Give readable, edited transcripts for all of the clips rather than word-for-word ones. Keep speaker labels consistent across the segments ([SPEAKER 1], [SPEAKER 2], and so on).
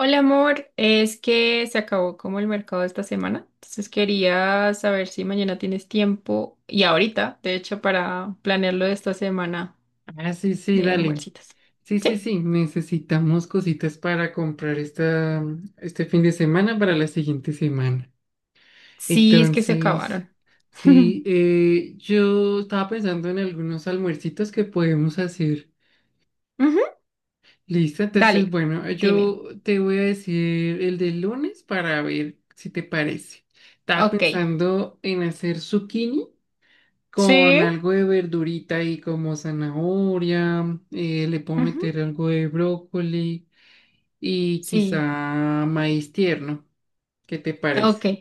[SPEAKER 1] Hola amor, es que se acabó como el mercado esta semana, entonces quería saber si mañana tienes tiempo y ahorita, de hecho, para planearlo de esta semana
[SPEAKER 2] Ah, sí, sí,
[SPEAKER 1] de
[SPEAKER 2] dale.
[SPEAKER 1] almuercitas.
[SPEAKER 2] Sí, sí,
[SPEAKER 1] ¿Sí?
[SPEAKER 2] sí, necesitamos cositas para comprar esta, este fin de semana para la siguiente semana.
[SPEAKER 1] Sí, es que se
[SPEAKER 2] Entonces,
[SPEAKER 1] acabaron. Ujú.
[SPEAKER 2] sí, yo estaba pensando en algunos almuercitos que podemos hacer. Listo, entonces,
[SPEAKER 1] Dale,
[SPEAKER 2] bueno,
[SPEAKER 1] dime.
[SPEAKER 2] yo te voy a decir el del lunes para ver si te parece. Estaba
[SPEAKER 1] Ok.
[SPEAKER 2] pensando en hacer zucchini con
[SPEAKER 1] Sí.
[SPEAKER 2] algo de verdurita ahí como zanahoria, le puedo
[SPEAKER 1] Ujú.
[SPEAKER 2] meter algo de brócoli y
[SPEAKER 1] Sí.
[SPEAKER 2] quizá maíz tierno. ¿Qué te
[SPEAKER 1] Ok.
[SPEAKER 2] parece?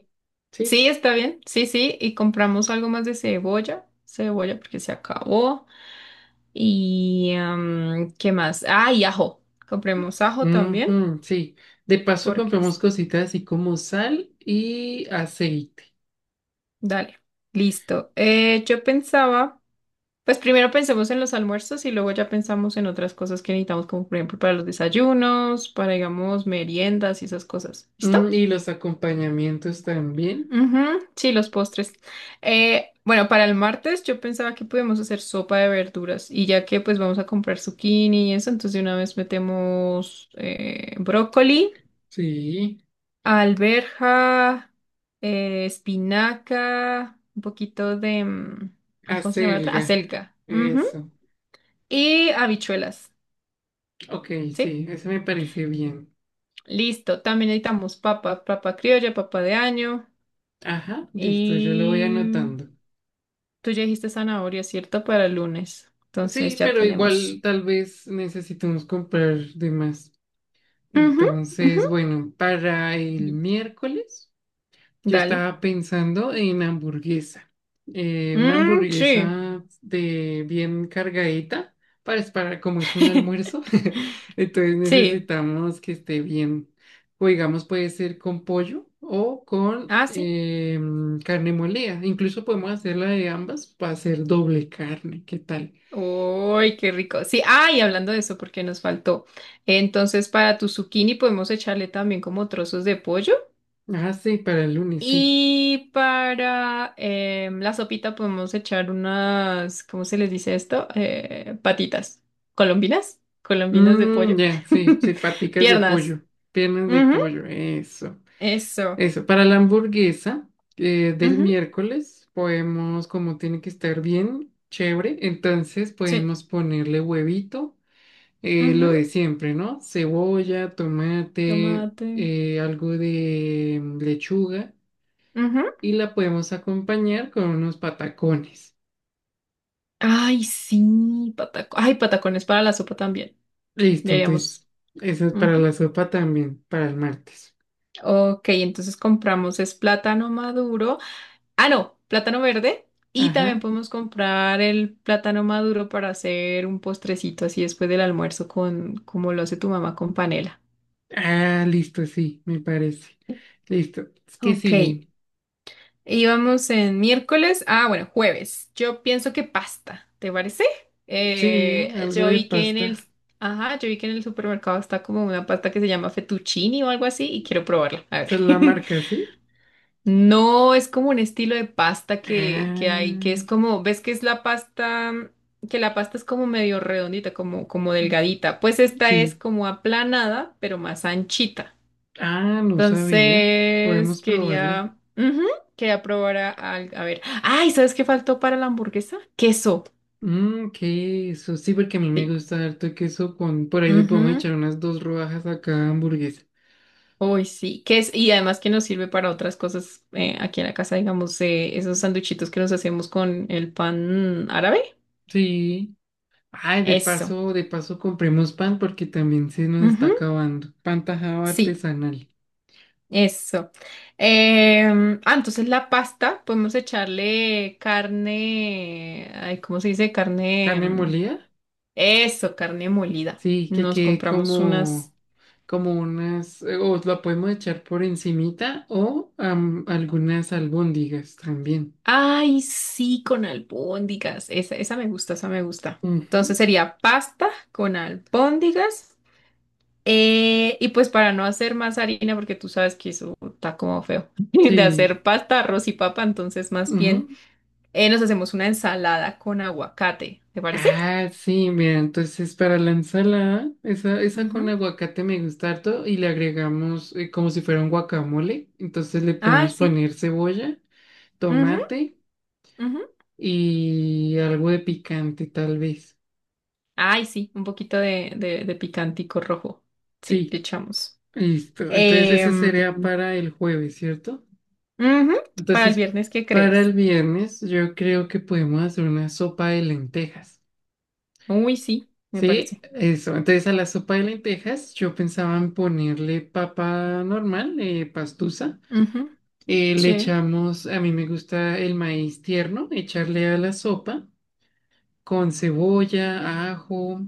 [SPEAKER 2] Sí.
[SPEAKER 1] Sí, está bien. Sí, sí. Y compramos algo más de cebolla. Cebolla porque se acabó. Y ¿qué más? Ah, y ajo. Compremos ajo también.
[SPEAKER 2] Ujú, sí. De paso
[SPEAKER 1] Porque
[SPEAKER 2] compramos
[SPEAKER 1] es.
[SPEAKER 2] cositas así como sal y aceite.
[SPEAKER 1] Dale. Listo. Yo pensaba, pues primero pensemos en los almuerzos y luego ya pensamos en otras cosas que necesitamos, como por ejemplo para los desayunos, para digamos meriendas y esas cosas. ¿Listo?
[SPEAKER 2] Y los acompañamientos también.
[SPEAKER 1] Ujú. Sí, los postres. Bueno, para el martes yo pensaba que podíamos hacer sopa de verduras y ya que pues vamos a comprar zucchini y eso, entonces de una vez metemos brócoli.
[SPEAKER 2] Sí.
[SPEAKER 1] Alberja, espinaca, un poquito de... mm, ay, ¿cómo se llama la otra?
[SPEAKER 2] Acelga.
[SPEAKER 1] Acelga. Ujú.
[SPEAKER 2] Eso.
[SPEAKER 1] Y habichuelas.
[SPEAKER 2] Ok,
[SPEAKER 1] ¿Sí?
[SPEAKER 2] sí, eso me parece bien.
[SPEAKER 1] Listo. También necesitamos papa, papa criolla, papa de año.
[SPEAKER 2] Ajá, listo, yo lo voy
[SPEAKER 1] Y
[SPEAKER 2] anotando.
[SPEAKER 1] tú ya dijiste zanahoria, ¿cierto? Para el lunes. Entonces
[SPEAKER 2] Sí,
[SPEAKER 1] ya
[SPEAKER 2] pero igual
[SPEAKER 1] tenemos.
[SPEAKER 2] tal vez necesitamos comprar de más.
[SPEAKER 1] Ujú, ujú.
[SPEAKER 2] Entonces, bueno, para el miércoles yo
[SPEAKER 1] Dale.
[SPEAKER 2] estaba pensando en hamburguesa. Una
[SPEAKER 1] Mm, sí.
[SPEAKER 2] hamburguesa de bien cargadita para como es un almuerzo. Entonces
[SPEAKER 1] Sí.
[SPEAKER 2] necesitamos que esté bien. O digamos, puede ser con pollo o con
[SPEAKER 1] Ah, sí.
[SPEAKER 2] carne molida. Incluso podemos hacerla de ambas para hacer doble carne. ¿Qué tal?
[SPEAKER 1] Uy, qué rico. Sí, ah, y hablando de eso, porque nos faltó. Entonces, para tu zucchini podemos echarle también como trozos de pollo.
[SPEAKER 2] Ah, sí, para el lunes, sí.
[SPEAKER 1] Y para la sopita podemos echar unas, ¿cómo se les dice esto? Patitas. ¿Colombinas? Colombinas de
[SPEAKER 2] Mmm,
[SPEAKER 1] pollo.
[SPEAKER 2] ya, sí, sí, paticas de
[SPEAKER 1] Piernas.
[SPEAKER 2] pollo, piernas de
[SPEAKER 1] Ujú.
[SPEAKER 2] pollo, eso.
[SPEAKER 1] Eso.
[SPEAKER 2] Eso, para la hamburguesa del
[SPEAKER 1] Ujú.
[SPEAKER 2] miércoles podemos, como tiene que estar bien, chévere, entonces
[SPEAKER 1] Sí.
[SPEAKER 2] podemos ponerle huevito, lo
[SPEAKER 1] Ujú.
[SPEAKER 2] de siempre, ¿no? Cebolla, tomate,
[SPEAKER 1] Tomate.
[SPEAKER 2] algo de lechuga
[SPEAKER 1] Ujú.
[SPEAKER 2] y la podemos acompañar con unos patacones.
[SPEAKER 1] Ay, sí, pataco. Ay, patacones para la sopa también.
[SPEAKER 2] Listo, entonces
[SPEAKER 1] Deberíamos.
[SPEAKER 2] eso es para la
[SPEAKER 1] Ujú.
[SPEAKER 2] sopa también, para el martes.
[SPEAKER 1] Ok, entonces compramos es plátano maduro. Ah, no, plátano verde. Y también
[SPEAKER 2] Ajá.
[SPEAKER 1] podemos comprar el plátano maduro para hacer un postrecito así después del almuerzo con, como lo hace tu mamá con panela.
[SPEAKER 2] Ah, listo, sí, me parece. Listo. ¿Qué
[SPEAKER 1] Ok,
[SPEAKER 2] sigue?
[SPEAKER 1] íbamos en miércoles. Ah, bueno, jueves. Yo pienso que pasta, ¿te parece?
[SPEAKER 2] Sí, algo
[SPEAKER 1] Yo
[SPEAKER 2] de
[SPEAKER 1] vi que en el,
[SPEAKER 2] pasta.
[SPEAKER 1] ajá, yo vi que en el supermercado está como una pasta que se llama fettuccine o algo así y quiero probarla. A ver.
[SPEAKER 2] Esa es la marca, ¿sí?
[SPEAKER 1] No, es como un estilo de pasta que hay, que es
[SPEAKER 2] Ah,
[SPEAKER 1] como, ¿ves que es la pasta? Que la pasta es como medio redondita, como delgadita. Pues esta es
[SPEAKER 2] sí.
[SPEAKER 1] como aplanada, pero más anchita.
[SPEAKER 2] Ah, no sabía.
[SPEAKER 1] Entonces,
[SPEAKER 2] Podemos probarla.
[SPEAKER 1] quería, ujú, quería probar a ver. Ay, ¿sabes qué faltó para la hamburguesa? Queso.
[SPEAKER 2] Mmm, queso. Sí, porque a mí me
[SPEAKER 1] Sí.
[SPEAKER 2] gusta harto queso con... Por ahí le podemos
[SPEAKER 1] Ujú.
[SPEAKER 2] echar unas dos rodajas a cada hamburguesa.
[SPEAKER 1] Uy, sí, que es, y además que nos sirve para otras cosas aquí en la casa, digamos, esos sanduchitos que nos hacemos con el pan árabe.
[SPEAKER 2] Sí. Ay,
[SPEAKER 1] Eso.
[SPEAKER 2] de paso compremos pan porque también se nos está acabando. Pan tajado
[SPEAKER 1] Sí,
[SPEAKER 2] artesanal.
[SPEAKER 1] eso. Ah, entonces la pasta, podemos echarle carne, ay, ¿cómo se dice? Carne,
[SPEAKER 2] ¿Carne molida?
[SPEAKER 1] eso, carne molida.
[SPEAKER 2] Sí, que
[SPEAKER 1] Nos
[SPEAKER 2] quede
[SPEAKER 1] compramos unas,
[SPEAKER 2] como, como unas, o la podemos echar por encimita o algunas albóndigas también.
[SPEAKER 1] ay, sí, con albóndigas. Esa me gusta, esa me gusta.
[SPEAKER 2] Ujú,
[SPEAKER 1] Entonces sería pasta con albóndigas. Y pues para no hacer más harina, porque tú sabes que eso está como feo, de
[SPEAKER 2] sí.
[SPEAKER 1] hacer pasta, arroz y papa, entonces más bien.
[SPEAKER 2] Ujú.
[SPEAKER 1] Nos hacemos una ensalada con aguacate, ¿te parece?
[SPEAKER 2] Ah, sí, mira, entonces para la ensalada, esa con
[SPEAKER 1] Ujú.
[SPEAKER 2] aguacate me gusta harto y le agregamos como si fuera un guacamole. Entonces le
[SPEAKER 1] Ah,
[SPEAKER 2] podemos
[SPEAKER 1] sí.
[SPEAKER 2] poner cebolla,
[SPEAKER 1] Ujú,
[SPEAKER 2] tomate
[SPEAKER 1] ujú.
[SPEAKER 2] y algo de picante tal vez.
[SPEAKER 1] Ay, sí, un poquito de picantico rojo. Sí, le
[SPEAKER 2] Sí,
[SPEAKER 1] echamos.
[SPEAKER 2] listo. Entonces esa
[SPEAKER 1] Em,
[SPEAKER 2] sería para el jueves, ¿cierto?
[SPEAKER 1] Ujú. Para el
[SPEAKER 2] Entonces,
[SPEAKER 1] viernes, ¿qué
[SPEAKER 2] para
[SPEAKER 1] crees?
[SPEAKER 2] el viernes, yo creo que podemos hacer una sopa de lentejas.
[SPEAKER 1] Uy, sí, me
[SPEAKER 2] ¿Sí?
[SPEAKER 1] parece.
[SPEAKER 2] Eso. Entonces, a la sopa de lentejas, yo pensaba en ponerle papa normal, pastusa.
[SPEAKER 1] Ujú.
[SPEAKER 2] Le
[SPEAKER 1] Sí,
[SPEAKER 2] echamos, a mí me gusta el maíz tierno, echarle a la sopa con cebolla, ajo,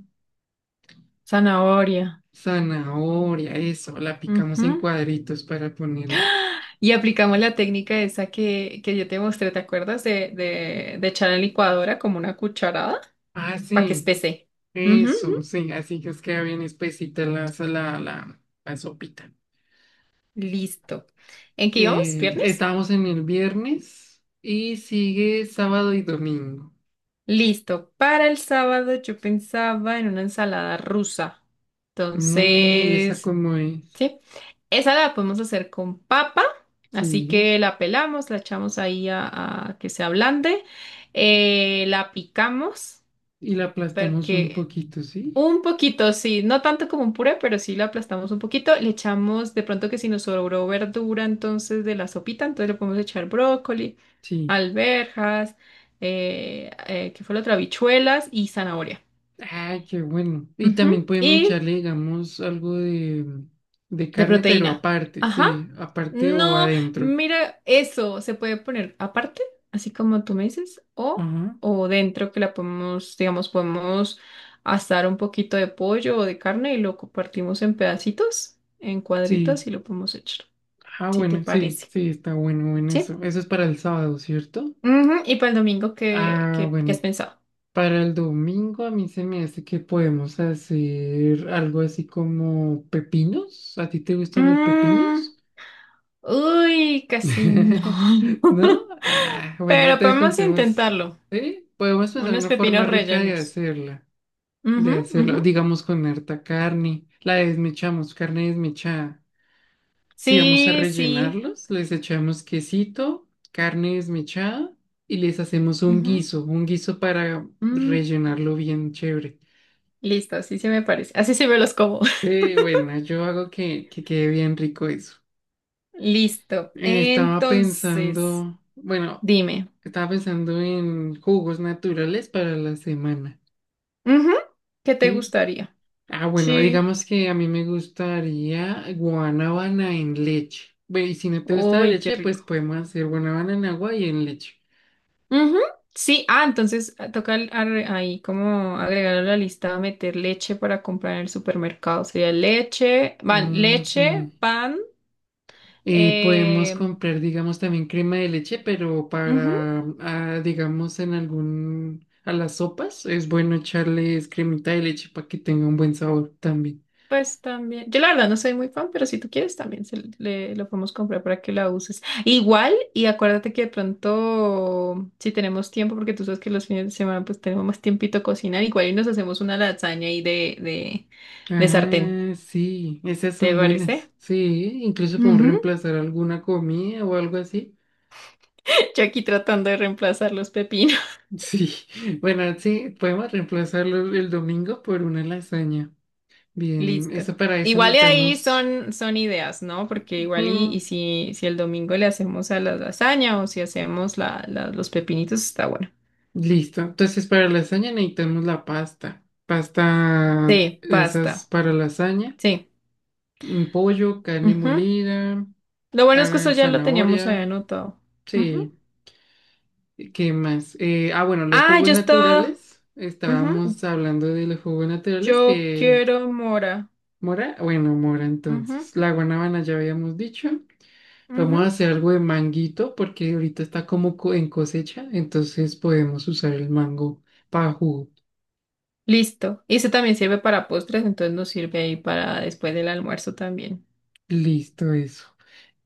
[SPEAKER 1] zanahoria.
[SPEAKER 2] zanahoria, eso. La picamos
[SPEAKER 1] Ujú.
[SPEAKER 2] en cuadritos para ponerle.
[SPEAKER 1] Y aplicamos la técnica esa que yo te mostré, ¿te acuerdas? De echar en la licuadora como una cucharada
[SPEAKER 2] Ah,
[SPEAKER 1] para que
[SPEAKER 2] sí,
[SPEAKER 1] espese. Ujú,
[SPEAKER 2] eso,
[SPEAKER 1] ujú.
[SPEAKER 2] sí. Así que os queda bien espesita la sopita.
[SPEAKER 1] Listo. ¿En qué íbamos? ¿Viernes?
[SPEAKER 2] Estábamos en el viernes y sigue sábado y domingo.
[SPEAKER 1] Listo. Para el sábado yo pensaba en una ensalada rusa.
[SPEAKER 2] Mm, y esa
[SPEAKER 1] Entonces,
[SPEAKER 2] como es.
[SPEAKER 1] sí. Esa la podemos hacer con papa. Así
[SPEAKER 2] Sí.
[SPEAKER 1] que la pelamos, la echamos ahí a que se ablande. La picamos
[SPEAKER 2] Y la aplastamos un
[SPEAKER 1] porque
[SPEAKER 2] poquito, ¿sí?
[SPEAKER 1] un poquito, sí, no tanto como un puré, pero sí lo aplastamos un poquito. Le echamos, de pronto que si nos sobró verdura entonces de la sopita, entonces le podemos echar brócoli,
[SPEAKER 2] Sí.
[SPEAKER 1] alberjas, ¿qué fue la otra? Habichuelas y zanahoria.
[SPEAKER 2] Ah, qué bueno. Y
[SPEAKER 1] Ujú.
[SPEAKER 2] también podemos
[SPEAKER 1] Y
[SPEAKER 2] echarle, digamos, algo de
[SPEAKER 1] de
[SPEAKER 2] carne, pero
[SPEAKER 1] proteína.
[SPEAKER 2] aparte,
[SPEAKER 1] Ajá.
[SPEAKER 2] sí, aparte o
[SPEAKER 1] No,
[SPEAKER 2] adentro.
[SPEAKER 1] mira, eso se puede poner aparte, así como tú me dices, o,
[SPEAKER 2] Ajá.
[SPEAKER 1] o dentro que la podemos, digamos, podemos asar un poquito de pollo o de carne y lo compartimos en pedacitos, en cuadritos
[SPEAKER 2] Sí.
[SPEAKER 1] y lo podemos echar,
[SPEAKER 2] Ah,
[SPEAKER 1] si te
[SPEAKER 2] bueno, sí,
[SPEAKER 1] parece.
[SPEAKER 2] sí, está bueno, bueno
[SPEAKER 1] ¿Sí?
[SPEAKER 2] eso. Eso es para el sábado, ¿cierto?
[SPEAKER 1] Ujú. Y para el domingo, ¿qué,
[SPEAKER 2] Ah,
[SPEAKER 1] qué, qué has
[SPEAKER 2] bueno.
[SPEAKER 1] pensado?
[SPEAKER 2] Para el domingo a mí se me hace que podemos hacer algo así como pepinos. ¿A ti te gustan los
[SPEAKER 1] Mm,
[SPEAKER 2] pepinos?
[SPEAKER 1] uy, casi no.
[SPEAKER 2] ¿No? Ah, bueno,
[SPEAKER 1] Pero
[SPEAKER 2] entonces
[SPEAKER 1] podemos
[SPEAKER 2] pensemos,
[SPEAKER 1] intentarlo.
[SPEAKER 2] ¿eh? Podemos pensar
[SPEAKER 1] Unos
[SPEAKER 2] una forma
[SPEAKER 1] pepinos
[SPEAKER 2] rica de
[SPEAKER 1] rellenos.
[SPEAKER 2] hacerla,
[SPEAKER 1] Ujú,
[SPEAKER 2] de
[SPEAKER 1] ujú.
[SPEAKER 2] hacerlo, digamos con harta carne, la desmechamos, carne desmechada. Si vamos a
[SPEAKER 1] Sí, sí.
[SPEAKER 2] rellenarlos, les echamos quesito, carne desmechada y les hacemos
[SPEAKER 1] Ujú.
[SPEAKER 2] un guiso para
[SPEAKER 1] Mm,
[SPEAKER 2] rellenarlo bien chévere.
[SPEAKER 1] listo, así se me parece. Así se me los como.
[SPEAKER 2] Sí, bueno, yo hago que quede bien rico eso.
[SPEAKER 1] Listo.
[SPEAKER 2] Estaba
[SPEAKER 1] Entonces,
[SPEAKER 2] pensando, bueno,
[SPEAKER 1] dime.
[SPEAKER 2] estaba pensando en jugos naturales para la semana,
[SPEAKER 1] Ujú. ¿Qué te
[SPEAKER 2] ¿sí?
[SPEAKER 1] gustaría?
[SPEAKER 2] Ah, bueno,
[SPEAKER 1] Sí.
[SPEAKER 2] digamos que a mí me gustaría guanábana en leche. Bueno, y si no te gusta la
[SPEAKER 1] Uy, qué
[SPEAKER 2] leche, pues
[SPEAKER 1] rico.
[SPEAKER 2] podemos hacer guanábana en agua y en leche.
[SPEAKER 1] Ujú. Sí, ah, entonces ah, toca ahí como agregar a la lista, meter leche para comprar en el supermercado. Sería leche, van,
[SPEAKER 2] Ujú.
[SPEAKER 1] leche, pan,
[SPEAKER 2] Podemos
[SPEAKER 1] eh,
[SPEAKER 2] comprar, digamos, también crema de leche, pero para, ah, digamos, en algún, a las sopas es bueno echarles cremita de leche para que tenga un buen sabor también.
[SPEAKER 1] pues también, yo la verdad no soy muy fan, pero si tú quieres también lo podemos comprar para que la uses. Igual, y acuérdate que de pronto, si tenemos tiempo, porque tú sabes que los fines de semana pues tenemos más tiempito a cocinar, igual y nos hacemos una lasaña ahí de sartén.
[SPEAKER 2] Ah, sí, esas
[SPEAKER 1] ¿Te
[SPEAKER 2] son buenas.
[SPEAKER 1] parece?
[SPEAKER 2] Sí, incluso podemos
[SPEAKER 1] Ujú.
[SPEAKER 2] reemplazar alguna comida o algo así.
[SPEAKER 1] Yo aquí tratando de reemplazar los pepinos.
[SPEAKER 2] Sí, bueno, sí, podemos reemplazarlo el domingo por una lasaña. Bien,
[SPEAKER 1] Listo.
[SPEAKER 2] eso para eso
[SPEAKER 1] Igual y ahí
[SPEAKER 2] necesitamos.
[SPEAKER 1] son ideas, ¿no? Porque igual y,
[SPEAKER 2] mm,
[SPEAKER 1] y si el domingo le hacemos a la lasaña o si hacemos los pepinitos, está bueno.
[SPEAKER 2] Listo. Entonces, para lasaña necesitamos la pasta. Pasta,
[SPEAKER 1] Sí,
[SPEAKER 2] esas
[SPEAKER 1] pasta.
[SPEAKER 2] para lasaña.
[SPEAKER 1] Sí.
[SPEAKER 2] Un pollo, carne
[SPEAKER 1] Ujú.
[SPEAKER 2] molida,
[SPEAKER 1] Lo bueno es que eso
[SPEAKER 2] ah,
[SPEAKER 1] ya lo teníamos ahí
[SPEAKER 2] zanahoria.
[SPEAKER 1] anotado. Ujú.
[SPEAKER 2] Sí. ¿Qué más? Ah, bueno, los
[SPEAKER 1] Ah,
[SPEAKER 2] jugos
[SPEAKER 1] yo estaba.
[SPEAKER 2] naturales.
[SPEAKER 1] Ujú.
[SPEAKER 2] Estábamos hablando de los jugos naturales
[SPEAKER 1] Yo
[SPEAKER 2] que...
[SPEAKER 1] quiero mora.
[SPEAKER 2] Mora, bueno, mora
[SPEAKER 1] Ujú,
[SPEAKER 2] entonces. La guanábana ya habíamos dicho.
[SPEAKER 1] ujú.
[SPEAKER 2] Vamos a hacer algo de manguito porque ahorita está como en cosecha, entonces podemos usar el mango para jugo.
[SPEAKER 1] Listo. Y eso también sirve para postres, entonces nos sirve ahí para después del almuerzo también.
[SPEAKER 2] Listo, eso.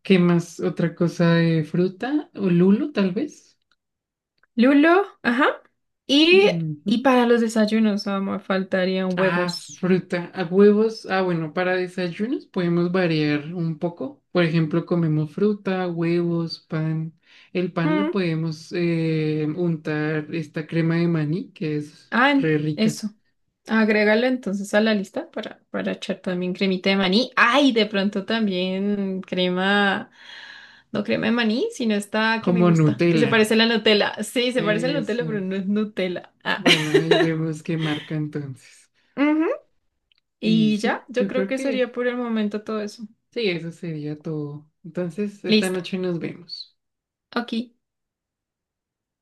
[SPEAKER 2] ¿Qué más? ¿Otra cosa de fruta? ¿O lulo, tal vez?
[SPEAKER 1] Lulo, ajá. Y,
[SPEAKER 2] Ujú.
[SPEAKER 1] y para los desayunos, amor, faltarían
[SPEAKER 2] Ah,
[SPEAKER 1] huevos.
[SPEAKER 2] fruta. A huevos. Ah, bueno, para desayunos podemos variar un poco. Por ejemplo, comemos fruta, huevos, pan. El pan le
[SPEAKER 1] Ujú.
[SPEAKER 2] podemos untar esta crema de maní, que es
[SPEAKER 1] Ah,
[SPEAKER 2] re rica,
[SPEAKER 1] eso. Agrégalo entonces a la lista para echar también cremita de maní. Ay, de pronto también crema, no crema de maní, sino esta que me
[SPEAKER 2] como
[SPEAKER 1] gusta, que se
[SPEAKER 2] Nutella.
[SPEAKER 1] parece a la Nutella. Sí, se parece a la Nutella, pero
[SPEAKER 2] Eso.
[SPEAKER 1] no es Nutella. Ah.
[SPEAKER 2] Bueno, ahí vemos qué marca entonces.
[SPEAKER 1] Ujú.
[SPEAKER 2] Y
[SPEAKER 1] Y ya,
[SPEAKER 2] sí,
[SPEAKER 1] yo
[SPEAKER 2] yo
[SPEAKER 1] creo
[SPEAKER 2] creo
[SPEAKER 1] que
[SPEAKER 2] que
[SPEAKER 1] sería por el momento todo eso.
[SPEAKER 2] sí, eso sería todo. Entonces, esta
[SPEAKER 1] Listo.
[SPEAKER 2] noche nos vemos.
[SPEAKER 1] Ok.